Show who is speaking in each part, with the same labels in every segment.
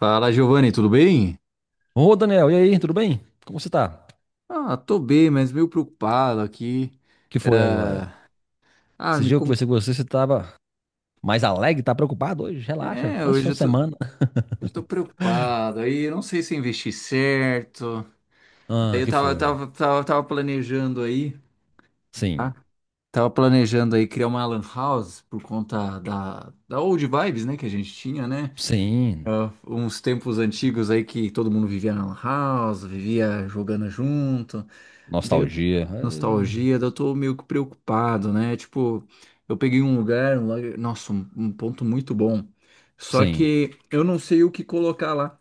Speaker 1: Fala, Giovanni, tudo bem?
Speaker 2: Ô, Daniel, e aí, tudo bem? Como você tá? O
Speaker 1: Ah, tô bem, mas meio preocupado aqui.
Speaker 2: que foi agora?
Speaker 1: Ah,
Speaker 2: Esse
Speaker 1: me
Speaker 2: dia eu
Speaker 1: com...
Speaker 2: conversei com você, você tava mais alegre, tá preocupado hoje? Relaxa,
Speaker 1: É,
Speaker 2: quase
Speaker 1: hoje
Speaker 2: final
Speaker 1: eu
Speaker 2: de
Speaker 1: tô, hoje
Speaker 2: semana.
Speaker 1: eu tô preocupado. Aí eu não sei se eu investi certo. Daí
Speaker 2: Ah,
Speaker 1: eu
Speaker 2: que
Speaker 1: tava,
Speaker 2: foi?
Speaker 1: tava, tava, tava planejando aí,
Speaker 2: Sim,
Speaker 1: tá? Tava planejando aí criar uma lan house por conta da old vibes, né, que a gente tinha, né?
Speaker 2: sim.
Speaker 1: Ah, uns tempos antigos aí que todo mundo vivia na lan house, vivia jogando junto. Daí
Speaker 2: Nostalgia.
Speaker 1: nostalgia, daí eu tô meio que preocupado, né? Tipo, eu peguei nossa, um ponto muito bom. Só
Speaker 2: Sim.
Speaker 1: que eu não sei o que colocar lá,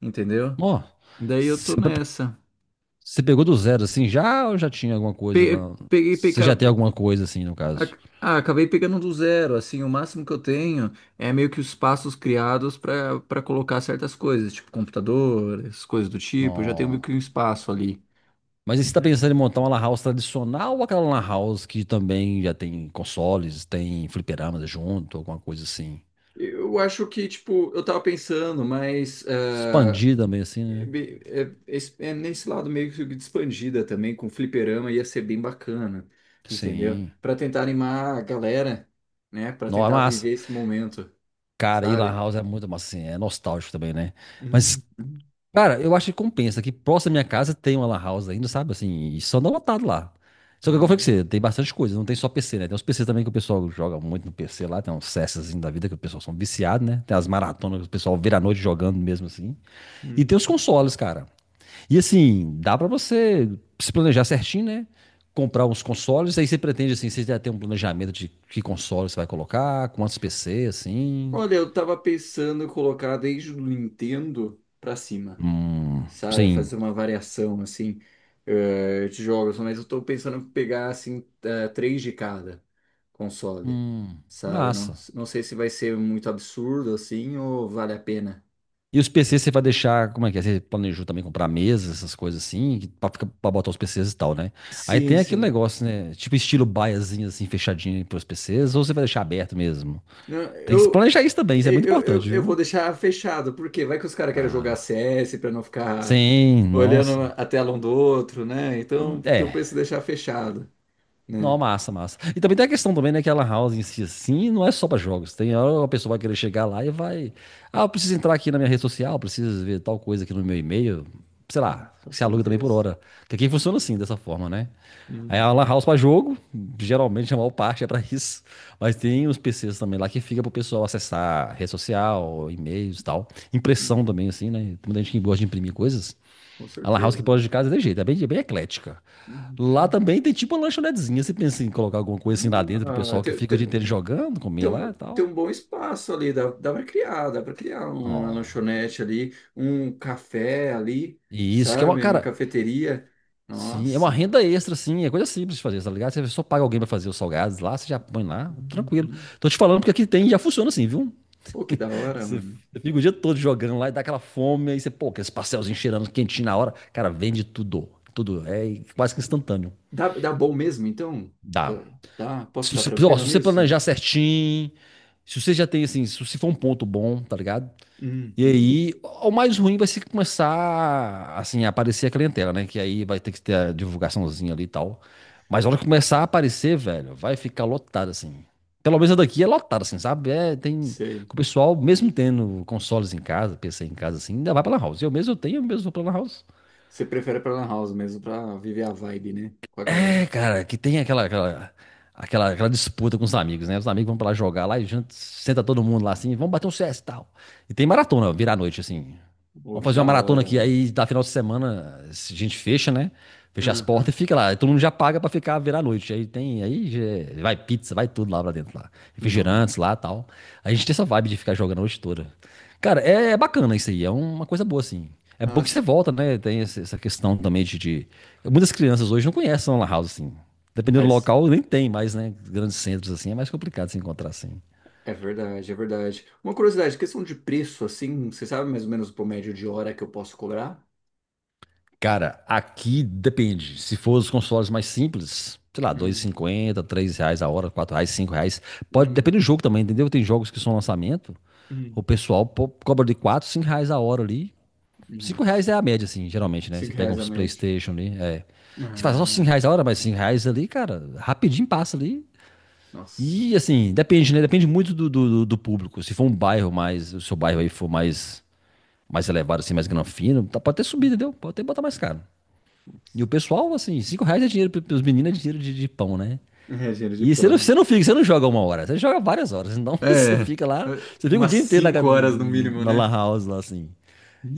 Speaker 1: entendeu?
Speaker 2: Ó,
Speaker 1: Daí eu
Speaker 2: você
Speaker 1: tô
Speaker 2: pe-
Speaker 1: nessa.
Speaker 2: você pegou do zero assim já ou já tinha alguma coisa
Speaker 1: Pe-
Speaker 2: lá?
Speaker 1: peguei,
Speaker 2: Você já
Speaker 1: peca-
Speaker 2: tem alguma coisa assim, no caso?
Speaker 1: ac- ah, Acabei pegando do zero, assim. O máximo que eu tenho é meio que os passos criados para colocar certas coisas, tipo computador, essas coisas do tipo. Eu já tenho meio
Speaker 2: Não.
Speaker 1: que um espaço ali.
Speaker 2: Mas e você tá pensando em montar uma lan house tradicional ou aquela lan house que também já tem consoles, tem fliperamas junto, alguma coisa assim?
Speaker 1: Eu acho que, tipo, eu tava pensando, mas...
Speaker 2: Expandir também, assim,
Speaker 1: É,
Speaker 2: né?
Speaker 1: bem- é- es- é nesse lado meio que de expandida também, com fliperama ia ser bem bacana, entendeu?
Speaker 2: Sim.
Speaker 1: Pra tentar animar a galera, né? Pra
Speaker 2: Não, é
Speaker 1: tentar
Speaker 2: massa.
Speaker 1: viver esse momento,
Speaker 2: Cara, e lan
Speaker 1: sabe?
Speaker 2: house é muito massa, assim, é nostálgico também, né? Mas,
Speaker 1: Uhum,
Speaker 2: cara, eu acho que compensa, que próximo da minha casa tem uma lan house ainda, sabe? Assim, e só não lotado lá. Só que, como eu falei com
Speaker 1: uhum,
Speaker 2: você, tem bastante coisa, não tem só PC, né? Tem uns PC também que o pessoal joga muito no PC lá, tem uns CS assim da vida que o pessoal são viciados, né? Tem as maratonas que o pessoal vira a noite jogando mesmo, assim. E tem os
Speaker 1: uhum.
Speaker 2: consoles, cara. E assim, dá pra você se planejar certinho, né? Comprar uns consoles, aí você pretende assim, você já tem um planejamento de que console você vai colocar, quantos PC, assim.
Speaker 1: Olha, eu tava pensando em colocar desde o Nintendo pra cima,
Speaker 2: Hum,
Speaker 1: sabe?
Speaker 2: sim.
Speaker 1: Fazer uma variação, assim, de jogos. Mas eu tô pensando em pegar, assim, três de cada console,
Speaker 2: Hum,
Speaker 1: sabe? Não,
Speaker 2: massa.
Speaker 1: não sei se vai ser muito absurdo, assim, ou vale a pena.
Speaker 2: E os PCs você vai deixar, como é que é? Você planejou também comprar mesas, essas coisas assim, que- pra, ficar- pra botar os PCs e tal, né? Aí
Speaker 1: Sim,
Speaker 2: tem aquele
Speaker 1: sim.
Speaker 2: negócio, né? Tipo estilo baiazinho, assim, fechadinho pros PCs, ou você vai deixar aberto mesmo?
Speaker 1: Não,
Speaker 2: Tem que se
Speaker 1: eu,
Speaker 2: planejar isso também, isso é muito
Speaker 1: eu, eu,
Speaker 2: importante,
Speaker 1: eu vou
Speaker 2: viu?
Speaker 1: deixar fechado, porque vai que os caras querem jogar
Speaker 2: Ah,
Speaker 1: CS pra não ficar
Speaker 2: sim,
Speaker 1: olhando
Speaker 2: nossa.
Speaker 1: a tela um do outro, né? Então, eu
Speaker 2: É,
Speaker 1: penso em deixar fechado,
Speaker 2: não,
Speaker 1: né?
Speaker 2: massa, massa. E também tem a questão também, né, que a Lan House em si, assim, não é só para jogos. Tem hora que a pessoa vai querer chegar lá e vai... Ah, eu preciso entrar aqui na minha rede social, preciso ver tal coisa aqui no meu e-mail. Sei
Speaker 1: Ah,
Speaker 2: lá,
Speaker 1: com
Speaker 2: se aluga também por
Speaker 1: certeza.
Speaker 2: hora. Que aqui funciona assim, dessa forma, né? Aí a Lan
Speaker 1: Uhum.
Speaker 2: House para jogo, geralmente a maior parte é para isso. Mas tem os PCs também lá que fica pro pessoal acessar rede social, e-mails e tal. Impressão
Speaker 1: Uhum.
Speaker 2: também, assim, né? Tem muita gente que gosta de imprimir coisas.
Speaker 1: Com
Speaker 2: A lan house que
Speaker 1: certeza, né?
Speaker 2: pode de casa é de jeito, é bem eclética. Lá
Speaker 1: Uhum.
Speaker 2: também tem tipo uma lanchonetezinha. Você pensa em colocar alguma coisa assim lá dentro pro
Speaker 1: Ah,
Speaker 2: pessoal que
Speaker 1: tem,
Speaker 2: fica o
Speaker 1: tem,
Speaker 2: dia inteiro jogando,
Speaker 1: tem
Speaker 2: comer lá
Speaker 1: um,
Speaker 2: e
Speaker 1: tem
Speaker 2: tal.
Speaker 1: um bom espaço ali. Dá para criar, uma
Speaker 2: Ó.
Speaker 1: lanchonete ali, um café ali,
Speaker 2: E isso que é uma,
Speaker 1: sabe? Uma
Speaker 2: cara,
Speaker 1: cafeteria.
Speaker 2: sim, é uma
Speaker 1: Nossa.
Speaker 2: renda extra, assim, é coisa simples de fazer, tá ligado? Você só paga alguém pra fazer os salgados lá, você já põe lá, tranquilo.
Speaker 1: Uhum.
Speaker 2: Tô te falando porque aqui tem, já funciona assim, viu?
Speaker 1: Pô, que da hora,
Speaker 2: Você
Speaker 1: mano.
Speaker 2: você fica o dia todo jogando lá e dá aquela fome, aí você, pô, aqueles pastelzinhos cheirando quentinho na hora. Cara, vende tudo, tudo. É quase que instantâneo.
Speaker 1: Dá bom mesmo, então?
Speaker 2: Dá.
Speaker 1: Fa- Dá? Posso
Speaker 2: Se
Speaker 1: ficar
Speaker 2: você, ó,
Speaker 1: tranquilo
Speaker 2: se você
Speaker 1: nisso?
Speaker 2: planejar certinho, se você já tem assim, se você for um ponto bom, tá ligado? E
Speaker 1: Uhum.
Speaker 2: aí, o mais ruim vai ser que começar assim, a aparecer a clientela, né? Que aí vai ter que ter a divulgaçãozinha ali e tal. Mas a hora que começar a aparecer, velho, vai ficar lotado assim. Pelo menos a daqui é lotada, assim, sabe? É, tem. O
Speaker 1: Sei.
Speaker 2: pessoal, mesmo tendo consoles em casa, PC em casa, assim, ainda vai pra Lan House. Eu mesmo eu tenho, eu mesmo vou pra Lan House.
Speaker 1: Você prefere pra Lan House mesmo, pra viver a vibe, né? Com a
Speaker 2: É,
Speaker 1: galera.
Speaker 2: cara, que tem aquela, aquela disputa com os amigos, né? Os amigos vão pra lá jogar lá e junto, senta todo mundo lá assim, vamos bater um CS e tal. E tem maratona, virar a noite, assim.
Speaker 1: Pô,
Speaker 2: Vamos
Speaker 1: que
Speaker 2: fazer uma
Speaker 1: da
Speaker 2: maratona
Speaker 1: hora,
Speaker 2: aqui,
Speaker 1: mano.
Speaker 2: aí da final de semana a gente fecha, né? Fecha as
Speaker 1: Uhum.
Speaker 2: portas e fica lá. E todo mundo já paga pra ficar virar a noite. Aí tem, é, vai pizza, vai tudo lá pra dentro lá.
Speaker 1: Não.
Speaker 2: Refrigerantes lá e tal. A gente tem essa vibe de ficar jogando a noite toda. Cara, é bacana isso aí, é uma coisa boa, assim. É bom que
Speaker 1: Nossa.
Speaker 2: você volta, né? Tem essa questão também Muitas crianças hoje não conhecem a lan house, assim. Dependendo do
Speaker 1: Mas
Speaker 2: local, nem tem mais, né? Grandes centros, assim, é mais complicado se encontrar, assim.
Speaker 1: é verdade, é verdade. Uma curiosidade, questão de preço, assim, você sabe mais ou menos o médio de hora que eu posso cobrar?
Speaker 2: Cara, aqui depende. Se for os consoles mais simples, sei lá, dois e
Speaker 1: Hum,
Speaker 2: cinquenta, três reais a hora, quatro reais, cinco reais. Pode,
Speaker 1: hum,
Speaker 2: depende do jogo também, entendeu? Tem jogos que são lançamento, o
Speaker 1: hum,
Speaker 2: pessoal cobra de quatro, cinco reais a hora ali.
Speaker 1: hum.
Speaker 2: Cinco reais é a média, assim, geralmente, né? Você
Speaker 1: Cinco
Speaker 2: pega
Speaker 1: reais a
Speaker 2: uns
Speaker 1: média.
Speaker 2: PlayStation ali, é. Você faz só 5
Speaker 1: Ah,
Speaker 2: reais a hora, mas 5 reais ali, cara, rapidinho passa ali.
Speaker 1: nossa.
Speaker 2: E, assim, depende, né? Depende muito do público. Se for um bairro mais, se o seu bairro aí for mais, mais elevado, assim, mais granfino, tá, pode ter subido, entendeu? Pode até botar mais caro. E o
Speaker 1: Nossa.
Speaker 2: pessoal, assim, 5 reais é dinheiro, pros meninos é dinheiro de pão, né?
Speaker 1: É, dinheiro de
Speaker 2: E você
Speaker 1: pão.
Speaker 2: não fica, você não joga uma hora, você joga várias horas. Então você
Speaker 1: É,
Speaker 2: fica lá, você fica o
Speaker 1: umas
Speaker 2: dia inteiro na, ca-
Speaker 1: 5 horas no mínimo,
Speaker 2: na Lan
Speaker 1: né?
Speaker 2: House lá assim.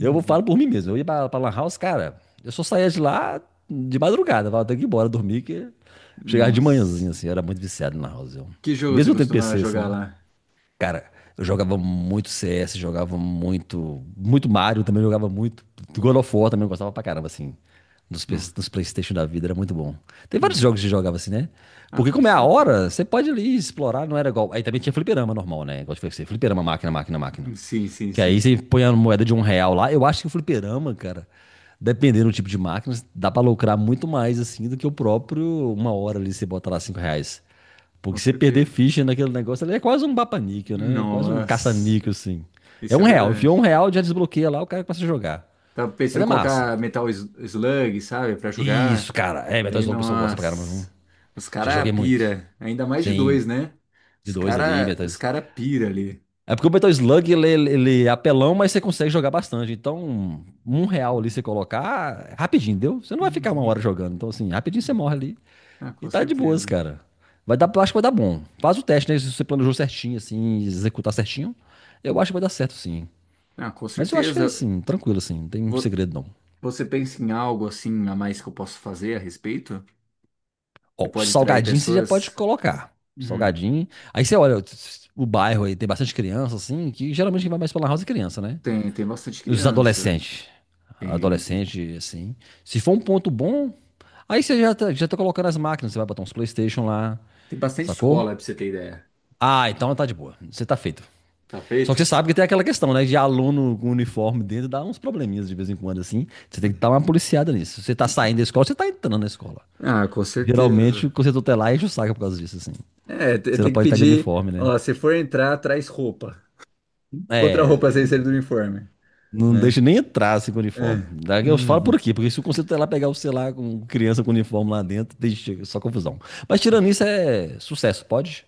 Speaker 2: Eu vou- falo por mim mesmo, eu ia pra, Lan House, cara, eu só saía de lá de madrugada, eu falava, tenho que ir embora dormir, que chegava de manhãzinha
Speaker 1: Nossa.
Speaker 2: assim, eu era muito viciado na Lan House. Eu.
Speaker 1: Que jogo você
Speaker 2: Mesmo tendo
Speaker 1: costumava
Speaker 2: PC
Speaker 1: jogar
Speaker 2: assim.
Speaker 1: lá?
Speaker 2: Cara, eu jogava muito CS, jogava muito. Muito Mario também jogava muito. God of War também eu gostava pra caramba, assim. Nos, P-
Speaker 1: Não.
Speaker 2: nos PlayStation da vida, era muito bom. Tem vários
Speaker 1: Hum.
Speaker 2: jogos que jogava assim, né?
Speaker 1: Ah,
Speaker 2: Porque
Speaker 1: com
Speaker 2: como é a hora,
Speaker 1: certeza.
Speaker 2: você pode ali explorar, não era igual. Aí também tinha fliperama normal, né? Igual eu te falei pra você, fliperama, máquina, máquina, máquina.
Speaker 1: Sim, sim,
Speaker 2: Que aí
Speaker 1: sim.
Speaker 2: você põe a moeda de um real lá. Eu acho que o fliperama, cara, dependendo do tipo de máquina, dá pra lucrar muito mais assim do que o próprio uma hora ali você bota lá cinco reais. Porque
Speaker 1: Com
Speaker 2: se você perder
Speaker 1: certeza.
Speaker 2: ficha naquele negócio, ele é quase um bapa-níquel, né? É quase um
Speaker 1: Nossa.
Speaker 2: caça-níquel, assim. É
Speaker 1: Isso é
Speaker 2: um real. Enfiou um
Speaker 1: verdade.
Speaker 2: real, já desbloqueia lá, o cara começa a jogar.
Speaker 1: Tava
Speaker 2: Mas
Speaker 1: pensando
Speaker 2: é
Speaker 1: em
Speaker 2: massa.
Speaker 1: colocar Metal Slug, sabe? Pra jogar.
Speaker 2: Isso, cara. É, Metal
Speaker 1: Daí,
Speaker 2: Slug o pessoal gosta pra caramba, viu?
Speaker 1: nossa. Os
Speaker 2: Já
Speaker 1: cara
Speaker 2: joguei muito.
Speaker 1: pira. Ainda mais de
Speaker 2: Sim,
Speaker 1: dois, né?
Speaker 2: de dois ali, Metal
Speaker 1: Os
Speaker 2: Slug.
Speaker 1: cara pira ali.
Speaker 2: É porque o Metal Slug, ele é apelão, mas você consegue jogar bastante. Então, um real ali você colocar, ah, rapidinho, deu? Você não vai ficar uma hora jogando. Então, assim, rapidinho você morre ali.
Speaker 1: Ah,
Speaker 2: E
Speaker 1: com
Speaker 2: tá de boas,
Speaker 1: certeza.
Speaker 2: cara. Vai dar, acho que vai dar bom. Faz o teste, né? Se você planejou certinho, assim, executar certinho, eu acho que vai dar certo, sim.
Speaker 1: Ah, com
Speaker 2: Mas eu acho que, é,
Speaker 1: certeza.
Speaker 2: assim, tranquilo, assim, não tem
Speaker 1: Vo-
Speaker 2: segredo, não.
Speaker 1: Você pensa em algo assim a mais que eu posso fazer a respeito? Que
Speaker 2: Ó, o
Speaker 1: pode atrair
Speaker 2: salgadinho você já pode
Speaker 1: pessoas?
Speaker 2: colocar.
Speaker 1: Hum.
Speaker 2: Salgadinho. Aí você olha, o bairro aí tem bastante criança, assim, que geralmente quem vai mais pela house é criança, né?
Speaker 1: Tem, tem bastante
Speaker 2: Os
Speaker 1: criança.
Speaker 2: adolescentes.
Speaker 1: Tem, tem.
Speaker 2: Adolescente, assim. Se for um ponto bom, aí você já tá colocando as máquinas, você vai botar uns PlayStation lá,
Speaker 1: Tem bastante
Speaker 2: sacou?
Speaker 1: escola, pra você ter ideia.
Speaker 2: Ah, então tá de boa. Você tá feito.
Speaker 1: Tá
Speaker 2: Só que
Speaker 1: feito?
Speaker 2: você sabe que tem aquela questão, né? De aluno com uniforme dentro dá uns probleminhas de vez em quando, assim. Você tem que estar uma policiada nisso. Se você tá saindo da escola, você tá entrando na escola.
Speaker 1: Ah, com
Speaker 2: Geralmente, o
Speaker 1: certeza.
Speaker 2: conselho tutelar enche o saco por causa disso, assim.
Speaker 1: É,
Speaker 2: Você não
Speaker 1: tem que
Speaker 2: pode estar de
Speaker 1: pedir,
Speaker 2: uniforme, né?
Speaker 1: ó, se for entrar, traz roupa. Outra
Speaker 2: É,
Speaker 1: roupa sem ser do uniforme,
Speaker 2: não deixa
Speaker 1: né?
Speaker 2: nem entrar assim com uniforme.
Speaker 1: É.
Speaker 2: Eu falo por
Speaker 1: Uhum.
Speaker 2: aqui, porque se o conselho tutelar pegar o celular com criança com uniforme lá dentro, deixa só confusão. Mas tirando isso, é sucesso. Pode?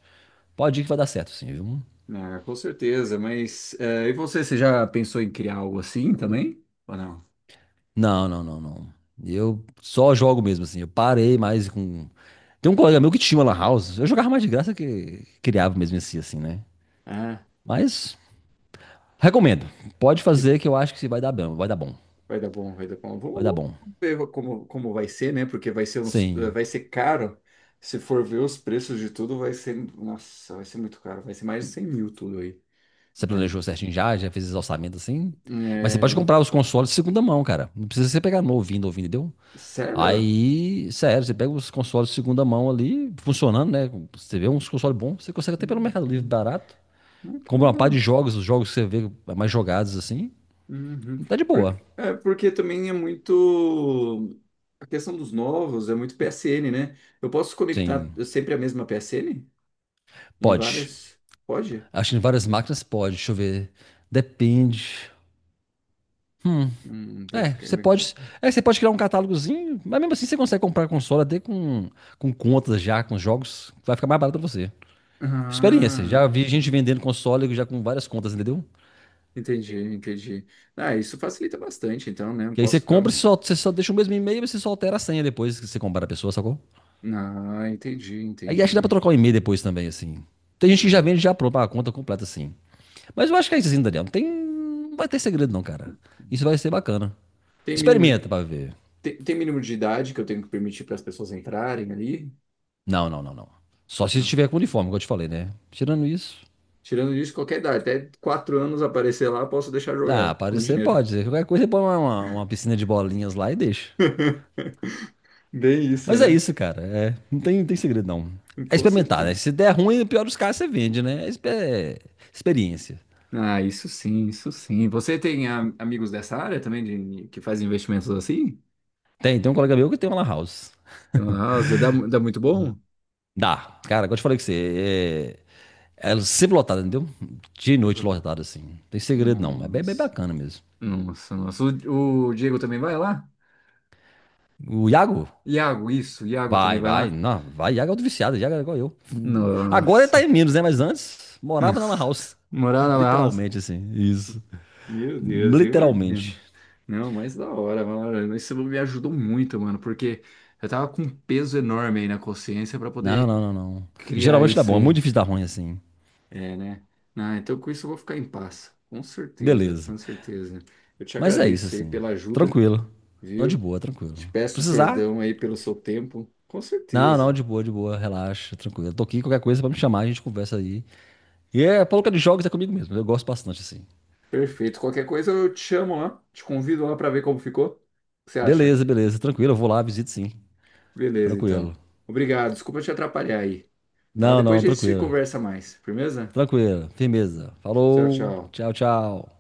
Speaker 2: Pode ir que vai dar certo, sim, viu?
Speaker 1: Ah, com certeza, mas e você já pensou em criar algo assim também? Ou não?
Speaker 2: Não, não, não, não. Eu só jogo mesmo, assim. Eu parei mais com. Tem um colega meu que tinha uma lan house. Eu jogava mais de graça que criava mesmo em si, assim, né?
Speaker 1: Ah,
Speaker 2: Mas recomendo. Pode
Speaker 1: que
Speaker 2: fazer que eu acho que vai dar bom. Vai dar bom.
Speaker 1: vai dar bom, vai dar bom.
Speaker 2: Vai
Speaker 1: Vamos,
Speaker 2: dar bom.
Speaker 1: vamos ver como, como vai ser, né? Porque vai ser
Speaker 2: Sim.
Speaker 1: vai ser caro. Se for ver os preços de tudo, vai ser, nossa, vai ser muito caro. Vai ser mais de 100 mil tudo aí,
Speaker 2: Você
Speaker 1: né?
Speaker 2: planejou certinho já? Já fez os orçamentos assim? Mas você pode
Speaker 1: É,
Speaker 2: comprar os consoles de segunda mão, cara. Não precisa você pegar novinho, novinho, entendeu?
Speaker 1: sério?
Speaker 2: Aí, sério, você pega os consoles de segunda mão ali, funcionando, né? Você vê uns consoles bons, você consegue até pelo Mercado Livre
Speaker 1: Uhum.
Speaker 2: barato.
Speaker 1: Ah, que
Speaker 2: Compra uma par de
Speaker 1: legal.
Speaker 2: jogos, os jogos que você vê mais jogados assim.
Speaker 1: Uhum.
Speaker 2: Tá de boa.
Speaker 1: Porque, é, porque também é muito. A questão dos novos é muito PSN, né? Eu posso conectar
Speaker 2: Sim.
Speaker 1: sempre a mesma PSN? Em
Speaker 2: Pode.
Speaker 1: várias? Pode?
Speaker 2: Acho que em várias máquinas pode. Deixa eu ver. Depende.
Speaker 1: Daí
Speaker 2: É,
Speaker 1: fica
Speaker 2: você
Speaker 1: bem
Speaker 2: pode.
Speaker 1: complicado.
Speaker 2: É, você pode criar um catálogozinho, mas mesmo assim você consegue comprar console até com contas já, com jogos. Vai ficar mais barato pra você. Experiência.
Speaker 1: Ah,
Speaker 2: Já vi gente vendendo console já com várias contas, entendeu?
Speaker 1: entendi, entendi. Ah, isso facilita bastante, então, né? Eu
Speaker 2: Que aí você
Speaker 1: posso
Speaker 2: compra,
Speaker 1: ficar.
Speaker 2: você só deixa o mesmo e-mail e você só altera a senha depois que você comprar a pessoa, sacou?
Speaker 1: Ah, entendi,
Speaker 2: Aí acho que dá pra
Speaker 1: entendi.
Speaker 2: trocar o e-mail depois também, assim. Tem gente que já
Speaker 1: Ah.
Speaker 2: vende já pronto a conta completa, assim. Mas eu acho que é isso assim, Daniel. Não tem... não vai ter segredo, não, cara. Isso vai ser bacana.
Speaker 1: Tem mínimo,
Speaker 2: Experimenta pra ver.
Speaker 1: tem mínimo de idade que eu tenho que permitir para as pessoas entrarem ali?
Speaker 2: Não, não, não, não. Só se
Speaker 1: Não.
Speaker 2: estiver com uniforme, como eu te falei, né? Tirando isso.
Speaker 1: Tirando isso, qualquer idade, até 4 anos aparecer lá, posso deixar
Speaker 2: Ah,
Speaker 1: jogar com
Speaker 2: parecer
Speaker 1: dinheiro.
Speaker 2: pode, né? Qualquer coisa, você põe uma piscina de bolinhas lá e deixa.
Speaker 1: Bem isso,
Speaker 2: Mas é
Speaker 1: né?
Speaker 2: isso, cara. É, não tem segredo, não. É
Speaker 1: Com
Speaker 2: experimentar, né?
Speaker 1: certeza.
Speaker 2: Se der ruim, no pior dos casos, você vende, né? É experiência.
Speaker 1: Ah, isso sim, isso sim. Você tem amigos dessa área também que fazem investimentos assim?
Speaker 2: Tem um colega meu que tem uma lan house.
Speaker 1: Nossa, dá, dá muito bom?
Speaker 2: Dá. Cara, como eu te falei que você... É sempre lotada, entendeu? Dia e
Speaker 1: Tem
Speaker 2: noite
Speaker 1: plata-.
Speaker 2: lotada, assim. Não tem segredo, não. É bem, bem
Speaker 1: Nossa,
Speaker 2: bacana mesmo.
Speaker 1: nossa, nossa. O Diego também vai lá?
Speaker 2: O Iago?
Speaker 1: Iago, isso, o Iago também
Speaker 2: Vai,
Speaker 1: vai
Speaker 2: vai.
Speaker 1: lá?
Speaker 2: Não, vai. Iago é outro viciado. Iago é igual eu. Agora ele
Speaker 1: Nossa.
Speaker 2: tá em menos, né? Mas antes morava na Lan House.
Speaker 1: Morar na house.
Speaker 2: Literalmente, assim. Isso.
Speaker 1: Meu Deus, eu
Speaker 2: Literalmente.
Speaker 1: imagino. Não, mas da hora, mano. Isso me ajudou muito, mano, porque eu tava com um peso enorme aí na consciência pra
Speaker 2: Não,
Speaker 1: poder
Speaker 2: não, não, não.
Speaker 1: criar
Speaker 2: Geralmente dá
Speaker 1: isso
Speaker 2: bom. É
Speaker 1: aí.
Speaker 2: muito difícil dar ruim, assim.
Speaker 1: É, né? Ah, então com isso eu vou ficar em paz. Com certeza,
Speaker 2: Beleza.
Speaker 1: com certeza. Eu te
Speaker 2: Mas é isso,
Speaker 1: agradeço aí
Speaker 2: assim.
Speaker 1: pela ajuda,
Speaker 2: Tranquilo. Não, de
Speaker 1: viu?
Speaker 2: boa,
Speaker 1: Te
Speaker 2: tranquilo.
Speaker 1: peço
Speaker 2: Precisar?
Speaker 1: perdão aí pelo seu tempo. Com
Speaker 2: Não, não,
Speaker 1: certeza.
Speaker 2: de boa, de boa. Relaxa, tranquilo. Tô aqui, qualquer coisa pra me chamar, a gente conversa aí. E é, pouca de jogos é comigo mesmo. Eu gosto bastante, assim.
Speaker 1: Perfeito. Qualquer coisa eu te chamo lá, te convido lá para ver como ficou. O que você acha?
Speaker 2: Beleza, beleza. Tranquilo. Eu vou lá, visito sim.
Speaker 1: Beleza, então.
Speaker 2: Tranquilo.
Speaker 1: Obrigado. Desculpa te atrapalhar aí, tá?
Speaker 2: Não,
Speaker 1: Depois
Speaker 2: não,
Speaker 1: a gente se
Speaker 2: tranquilo.
Speaker 1: conversa mais. Firmeza?
Speaker 2: Tranquilo, firmeza.
Speaker 1: Tchau,
Speaker 2: Falou,
Speaker 1: tchau.
Speaker 2: tchau, tchau.